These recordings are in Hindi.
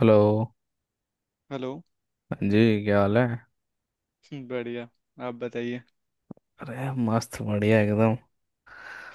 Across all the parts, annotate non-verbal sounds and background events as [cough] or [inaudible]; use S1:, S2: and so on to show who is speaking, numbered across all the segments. S1: हेलो।
S2: हेलो।
S1: हाँ जी, क्या हाल है।
S2: बढ़िया। आप बताइए।
S1: अरे मस्त बढ़िया एकदम।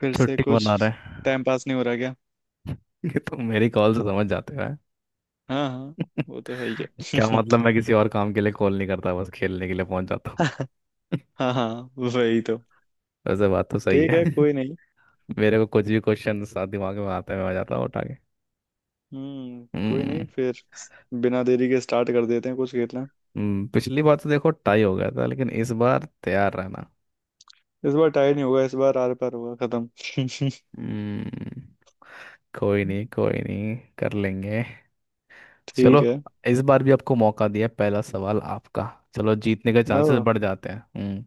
S2: फिर से
S1: छुट्टी
S2: कुछ।
S1: बना रहे हैं।
S2: टाइम पास नहीं हो रहा क्या।
S1: [laughs] ये तो मेरी कॉल से समझ जाते हो हैं?
S2: हाँ हाँ। वो तो है ही
S1: [laughs]
S2: है।
S1: क्या मतलब, मैं
S2: [laughs]
S1: किसी और काम के लिए कॉल नहीं करता, बस खेलने के लिए पहुंच जाता हूँ। [laughs]
S2: हाँ हाँ। वही तो।
S1: वैसे बात तो सही
S2: ठीक
S1: है।
S2: है कोई नहीं।
S1: [laughs] मेरे को कुछ भी क्वेश्चन साथ दिमाग में आते हुए आ जाता है उठा के।
S2: हम्म। कोई
S1: हम्म।
S2: नहीं फिर। बिना देरी के स्टार्ट कर देते हैं कुछ खेलना।
S1: पिछली बार तो देखो टाई हो गया था लेकिन इस बार तैयार रहना।
S2: इस बार टाई नहीं होगा इस बार आर पार होगा खत्म। [laughs]
S1: हम्म कोई नहीं कर लेंगे।
S2: ठीक
S1: चलो,
S2: है।
S1: इस बार भी आपको मौका दिया, पहला सवाल आपका। चलो जीतने के
S2: ओ।
S1: चांसेस बढ़ जाते हैं। हम्म।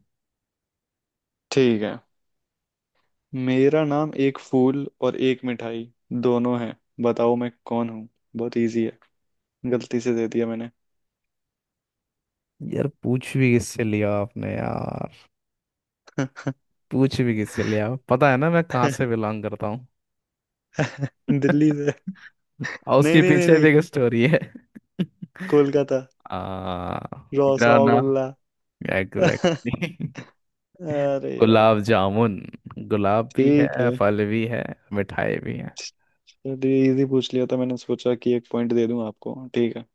S2: ठीक है। मेरा नाम एक फूल और एक मिठाई दोनों है। बताओ मैं कौन हूँ। बहुत इजी है। गलती से दे दिया मैंने।
S1: यार पूछ भी किससे लिया आपने, यार पूछ भी किससे लिया, पता है ना मैं कहाँ से
S2: [laughs]
S1: बिलोंग करता हूँ।
S2: दिल्ली से।
S1: [laughs] और
S2: नहीं
S1: उसके
S2: नहीं नहीं
S1: पीछे भी
S2: नहीं।
S1: एक स्टोरी है। [laughs]
S2: कोलकाता।
S1: आ, मेरा नाम
S2: रसगुल्ला।
S1: एग्जैक्टली। [laughs]
S2: अरे यार।
S1: गुलाब जामुन। गुलाब भी
S2: ठीक
S1: है,
S2: है।
S1: फल भी है, मिठाई भी है।
S2: चलिए इजी पूछ लिया था मैंने सोचा कि एक पॉइंट दे दूं आपको ठीक है।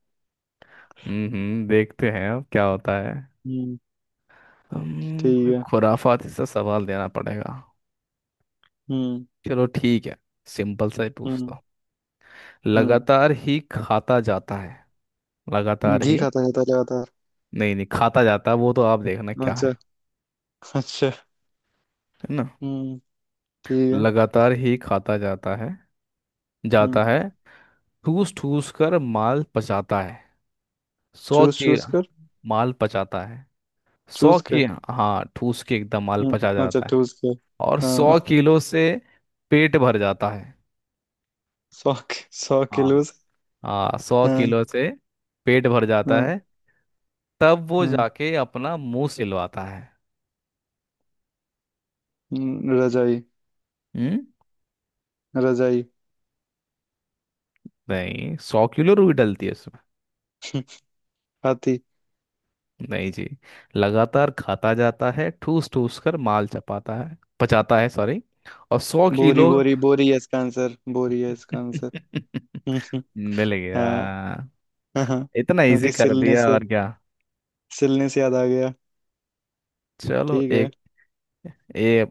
S1: हम्म। देखते हैं अब क्या होता है।
S2: हम्म।
S1: कोई
S2: ठीक है।
S1: खुराफाती सा सवाल देना पड़ेगा।
S2: हम्म।
S1: चलो ठीक है, सिंपल सा ही
S2: हम्म।
S1: पूछता हूँ।
S2: हम्म।
S1: लगातार ही खाता जाता है, लगातार
S2: घी
S1: ही।
S2: खाता रहता है लगातार।
S1: नहीं नहीं, खाता जाता वो तो, आप देखना क्या है।
S2: अच्छा। अच्छा।
S1: है ना।
S2: हम्म। ठीक है।
S1: लगातार ही खाता जाता है जाता
S2: हम्म।
S1: है ठूस ठूस कर माल पचाता है, सौ
S2: चूस
S1: के
S2: चूस कर।
S1: माल पचाता है, सौ
S2: चूस के।
S1: के। हाँ, ठूस के एकदम माल पचा
S2: हम्म, अच्छा
S1: जाता है।
S2: चूस के।
S1: और सौ
S2: हाँ।
S1: किलो से पेट भर जाता है।
S2: 100। सौ
S1: हाँ।
S2: किलो से
S1: हाँ, सौ
S2: हाँ।
S1: किलो से पेट भर जाता
S2: हाँ।
S1: है। तब वो
S2: हम्म।
S1: जाके अपना मुंह सिलवाता है।
S2: रजाई।
S1: हम्म
S2: रजाई।
S1: नहीं, सौ किलो रुई डलती है उसमें।
S2: हाथी।
S1: नहीं जी। लगातार खाता जाता है, ठूस ठूस कर माल चपाता है, पचाता है सॉरी, और सौ
S2: बोरी
S1: किलो।
S2: बोरी बोरी है इसका आंसर बोरी है इसका आंसर।
S1: [laughs]
S2: [laughs] हम्म,
S1: मिल
S2: हाँ।
S1: गया।
S2: हाँ।
S1: इतना इजी
S2: क्योंकि
S1: कर
S2: सिलने
S1: दिया
S2: से
S1: और क्या।
S2: सिलने से याद आ गया।
S1: चलो
S2: ठीक है।
S1: एक। ये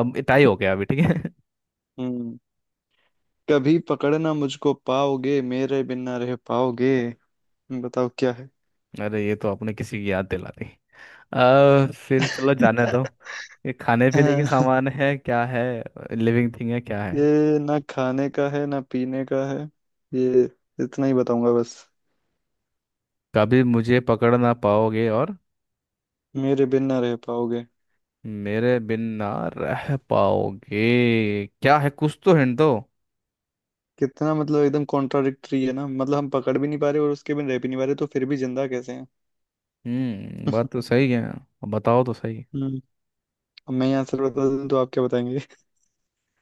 S1: अब टाई हो गया अभी, ठीक है।
S2: हम्म। कभी पकड़ना मुझको पाओगे मेरे बिना रह पाओगे। बताओ क्या है।
S1: [laughs] अरे ये तो आपने किसी की याद दिला दी। फिर चलो जाने दो।
S2: [laughs]
S1: ये खाने पीने के
S2: हाँ,
S1: सामान है, क्या है। लिविंग थिंग है, क्या है।
S2: ये ना खाने का है ना पीने का है। ये इतना ही बताऊंगा बस।
S1: कभी मुझे पकड़ ना पाओगे और
S2: मेरे बिन ना रह पाओगे।
S1: मेरे बिन ना रह पाओगे, क्या है, कुछ तो हिंट दो।
S2: कितना मतलब एकदम कॉन्ट्राडिक्टरी है ना मतलब हम पकड़ भी नहीं पा रहे और उसके बिन रह भी नहीं पा रहे तो फिर भी जिंदा कैसे हैं।
S1: बात तो सही है, अब बताओ तो सही।
S2: हम्म। अब मैं यहाँ आंसर बता दूं तो आप क्या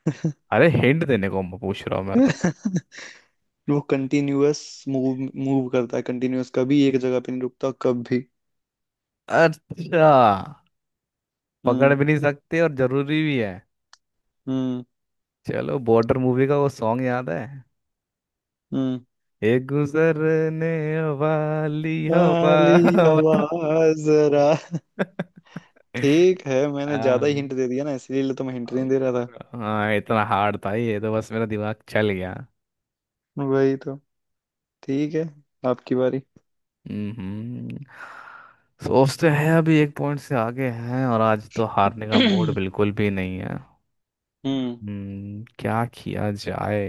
S2: बताएंगे।
S1: अरे हिंट देने को मैं पूछ रहा हूँ, मैं तो।
S2: [laughs] वो कंटिन्यूअस मूव मूव करता है कंटिन्यूअस कभी एक जगह पे नहीं रुकता कभी।
S1: अच्छा, पकड़
S2: हम्म।
S1: भी नहीं सकते और जरूरी भी है।
S2: हम्म।
S1: चलो, बॉर्डर मूवी का वो सॉन्ग याद है।
S2: हम्म।
S1: एक गुजरने वाली हवा।
S2: वाली
S1: [laughs] बता।
S2: आवाज जरा। ठीक है मैंने ज्यादा ही
S1: हाँ।
S2: हिंट दे दिया ना इसीलिए तो मैं हिंट नहीं दे रहा था।
S1: हाँ, इतना हार्ड था ये, तो बस मेरा दिमाग चल गया।
S2: वही तो। ठीक है। आपकी बारी।
S1: हम्म। सोचते हैं अभी एक पॉइंट से आगे हैं और आज तो हारने
S2: [clears throat]
S1: का मूड
S2: हम्म।
S1: बिल्कुल भी नहीं है। क्या किया जाए।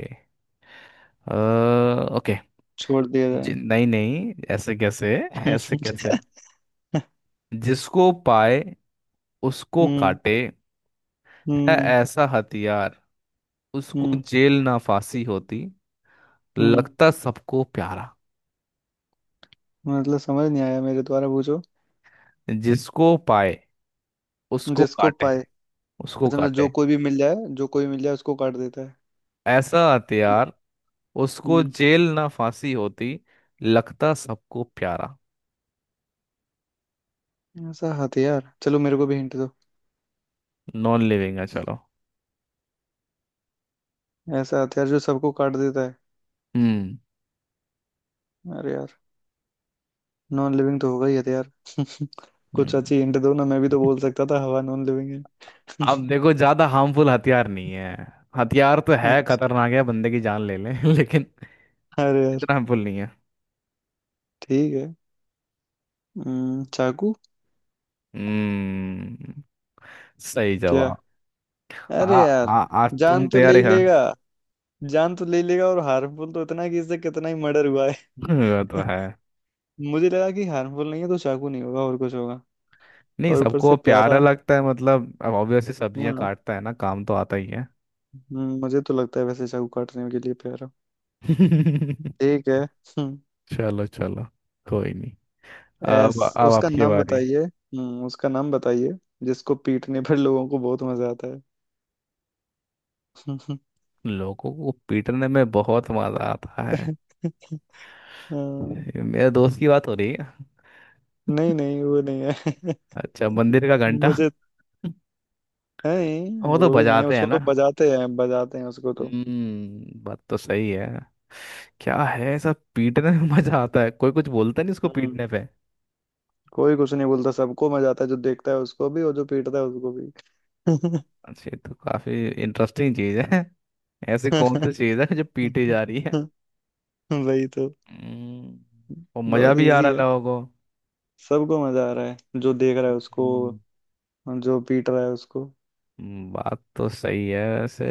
S1: अ, ओके।
S2: छोड़ दिया जाए।
S1: नहीं नहीं, ऐसे कैसे। [laughs] ऐसे
S2: [laughs]
S1: कैसे। जिसको पाए उसको
S2: हम्म।
S1: काटे, है
S2: हम्म।
S1: ऐसा हथियार, उसको
S2: हम्म।
S1: जेल ना फांसी होती,
S2: हम्म।
S1: लगता सबको प्यारा।
S2: मतलब समझ नहीं आया मेरे द्वारा पूछो।
S1: जिसको पाए उसको
S2: जिसको
S1: काटे
S2: पाए।
S1: उसको
S2: अच्छा मतलब जो
S1: काटे
S2: कोई भी मिल जाए जो कोई भी मिल जाए उसको काट देता है।
S1: ऐसा हथियार, उसको
S2: हम्म।
S1: जेल ना फांसी होती, लगता सबको प्यारा।
S2: ऐसा हथियार चलो मेरे को भी हिंट दो।
S1: नॉन लिविंग है, चलो।
S2: ऐसा हथियार जो सबको काट देता है।
S1: हम्म।
S2: अरे यार। नॉन लिविंग तो होगा ही हथियार। [laughs] कुछ
S1: हम्म
S2: अच्छी हिंट दो ना मैं भी तो बोल सकता था हवा नॉन लिविंग है।
S1: अब
S2: [laughs]
S1: देखो, ज्यादा हार्मफुल हथियार नहीं है। हथियार तो है,
S2: अच्छा,
S1: खतरनाक है, बंदे की जान ले ले [laughs] लेकिन
S2: अरे यार।
S1: इतना हार्मफुल नहीं है।
S2: ठीक है। चाकू।
S1: हम्म। सही
S2: क्या।
S1: जवाब। आ,
S2: अरे यार।
S1: आ, आज तुम
S2: जान तो ले
S1: तैयार
S2: ही
S1: है।
S2: लेगा।
S1: [laughs]
S2: जान तो ले ही लेगा और हार्मफुल तो इतना है कि इससे कितना ही मर्डर हुआ है।
S1: वो तो है।
S2: [laughs] मुझे लगा कि हार्मफुल नहीं है तो चाकू नहीं होगा और कुछ होगा।
S1: नहीं,
S2: और ऊपर से
S1: सबको प्यारा
S2: प्यारा।
S1: लगता है मतलब, अब ऑब्वियसली सब्जियां
S2: हाँ।
S1: काटता है ना, काम तो आता ही है।
S2: मुझे तो लगता है वैसे चाकू काटने के लिए प्यारा।
S1: [laughs]
S2: ठीक है। [laughs]
S1: चलो चलो, कोई नहीं।
S2: एस।
S1: अब, अब
S2: उसका
S1: आपकी
S2: नाम
S1: बारी।
S2: बताइए। उसका नाम बताइए जिसको पीटने पर लोगों को बहुत मजा आता है।
S1: लोगों को पीटने में बहुत मजा आता है।
S2: [laughs] हाँ,
S1: ये मेरे दोस्त की बात हो रही है।
S2: नहीं नहीं वो नहीं है।
S1: अच्छा, मंदिर का
S2: [laughs]
S1: घंटा।
S2: मुझे
S1: [laughs]
S2: नहीं
S1: वो तो
S2: वो भी नहीं है
S1: बजाते हैं
S2: उसको
S1: ना।
S2: तो बजाते हैं उसको तो।
S1: बात तो सही है। क्या है, सब पीटने में मजा आता है, कोई कुछ बोलता नहीं उसको
S2: हम्म।
S1: पीटने पे।
S2: कोई कुछ नहीं बोलता सबको मजा आता है जो देखता है उसको भी और जो पीटता है उसको भी।
S1: अच्छा, ये तो काफी इंटरेस्टिंग चीज है। ऐसी कौन सी चीज है जो पीटी जा रही है।
S2: [laughs] वही तो।
S1: हम्म, और मजा
S2: बहुत
S1: भी आ
S2: इजी
S1: रहा है
S2: है।
S1: लोगों
S2: सबको मजा आ रहा है जो देख रहा है उसको
S1: को।
S2: जो पीट रहा है उसको।
S1: बात तो सही है वैसे।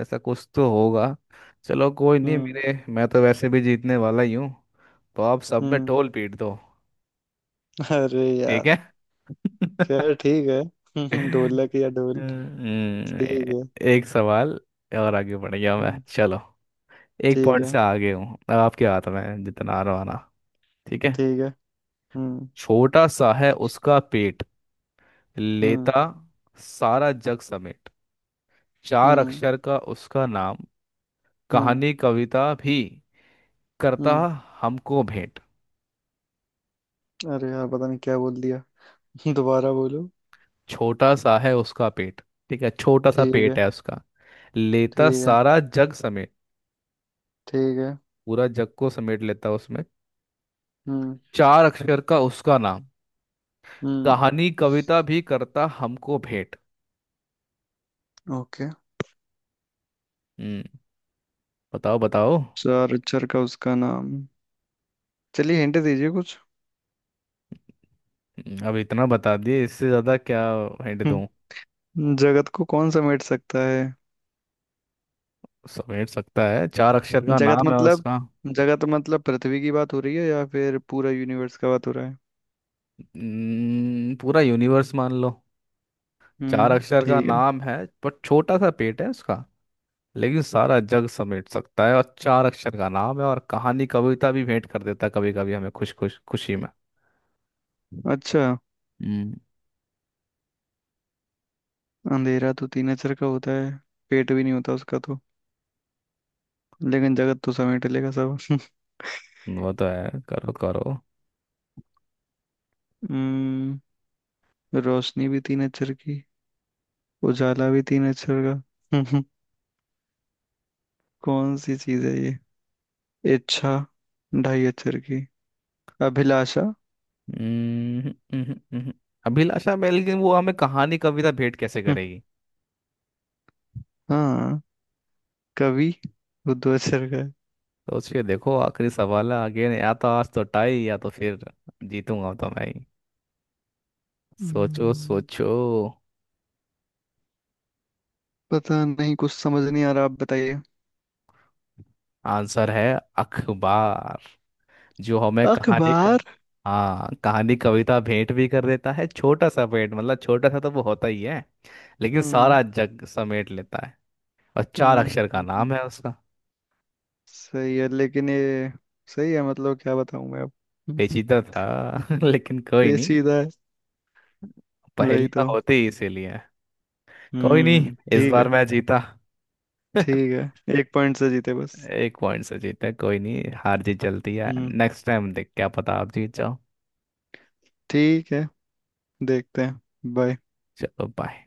S1: ऐसा कुछ तो होगा। चलो कोई नहीं,
S2: हम्म।
S1: मेरे, मैं तो वैसे भी जीतने वाला ही हूँ। तो आप सब में
S2: हम्म।
S1: ढोल पीट दो।
S2: [laughs] अरे
S1: ठीक है।
S2: यार। खैर
S1: [laughs]
S2: ठीक है। [laughs] ढोलक या ढोल।
S1: हम्म,
S2: ठीक
S1: ए-
S2: है।
S1: एक सवाल और आगे बढ़ गया मैं,
S2: हम्म,
S1: चलो। एक
S2: ठीक
S1: पॉइंट
S2: है।
S1: से आगे हूँ, अब आपके हाथ में है जितना आ रहा आना। ठीक है।
S2: ठीक है। हम्म।
S1: छोटा सा है उसका पेट,
S2: हम्म।
S1: लेता सारा जग समेट, चार
S2: हम्म।
S1: अक्षर का उसका नाम,
S2: हम्म।
S1: कहानी कविता भी करता
S2: हम्म।
S1: हमको भेंट।
S2: अरे यार पता नहीं क्या बोल दिया। [laughs] दोबारा बोलो।
S1: छोटा सा है उसका पेट, ठीक है, छोटा सा
S2: ठीक
S1: पेट
S2: है।
S1: है उसका, लेता
S2: ठीक है।
S1: सारा जग समेट,
S2: ठीक है।
S1: पूरा जग को समेट लेता उसमें,
S2: हम्म।
S1: चार अक्षर का उसका नाम,
S2: हम्म।
S1: कहानी कविता भी करता हमको भेंट।
S2: ओके।
S1: हम्म। बताओ बताओ।
S2: चार अक्षर का उसका नाम। चलिए हिंट दीजिए कुछ।
S1: अब इतना बता दिए, इससे ज्यादा क्या हिंट दूं।
S2: हम्म, जगत को कौन समेट सकता है।
S1: समेट सकता है, चार अक्षर का
S2: जगत
S1: नाम है
S2: मतलब
S1: उसका।
S2: जगत मतलब पृथ्वी की बात हो रही है या फिर पूरा यूनिवर्स का बात हो रहा है।
S1: पूरा यूनिवर्स मान लो। चार अक्षर का
S2: ठीक है।
S1: नाम है, पर छोटा सा पेट है उसका, लेकिन सारा जग समेट सकता है, और चार अक्षर का नाम है, और कहानी कविता भी भेंट कर देता है कभी कभी हमें खुश खुश खुशी में।
S2: अच्छा।
S1: हम्म।
S2: अंधेरा तो तीन अक्षर का होता है। पेट भी नहीं होता उसका तो। लेकिन जगत तो समेट लेगा सब। [laughs]
S1: वो तो है, करो करो।
S2: हम्म। रोशनी भी तीन अक्षर की। उजाला भी तीन अक्षर का। [laughs] कौन सी चीज है ये। इच्छा। ढाई अक्षर की। अभिलाषा।
S1: हम्म। अभिलाषा में लेकिन वो हमें कहानी कविता भेंट कैसे
S2: [laughs]
S1: करेगी।
S2: हाँ। कवि। वो दो अक्षर का है।
S1: सोचिए देखो, आखिरी सवाल है आगे, या तो आज तो टाई या तो फिर जीतूंगा तो मैं ही। सोचो
S2: हम्म,
S1: सोचो।
S2: पता नहीं कुछ समझ नहीं आ रहा आप बताइए।
S1: आंसर है अखबार, जो हमें कहानी का।
S2: अखबार।
S1: हाँ, कहानी कविता भेंट भी कर देता है, छोटा सा भेंट मतलब, छोटा सा तो वो होता ही है लेकिन
S2: हम्म।
S1: सारा जग समेट लेता है, और चार अक्षर का
S2: हम्म,
S1: नाम है उसका।
S2: सही है लेकिन ये सही है मतलब क्या बताऊं मैं अब। [laughs]
S1: पेचीदा था [laughs] लेकिन कोई नहीं,
S2: पेचीदा है। वही
S1: पहेलियां
S2: तो।
S1: होती ही इसीलिए हैं। कोई नहीं, इस
S2: ठीक है।
S1: बार मैं जीता। [laughs]
S2: ठीक है एक पॉइंट से जीते बस।
S1: एक पॉइंट से जीता, कोई नहीं, हार जीत चलती है,
S2: हम्म।
S1: नेक्स्ट टाइम देख क्या पता आप जीत जाओ।
S2: ठीक है। देखते हैं। बाय।
S1: चलो बाय।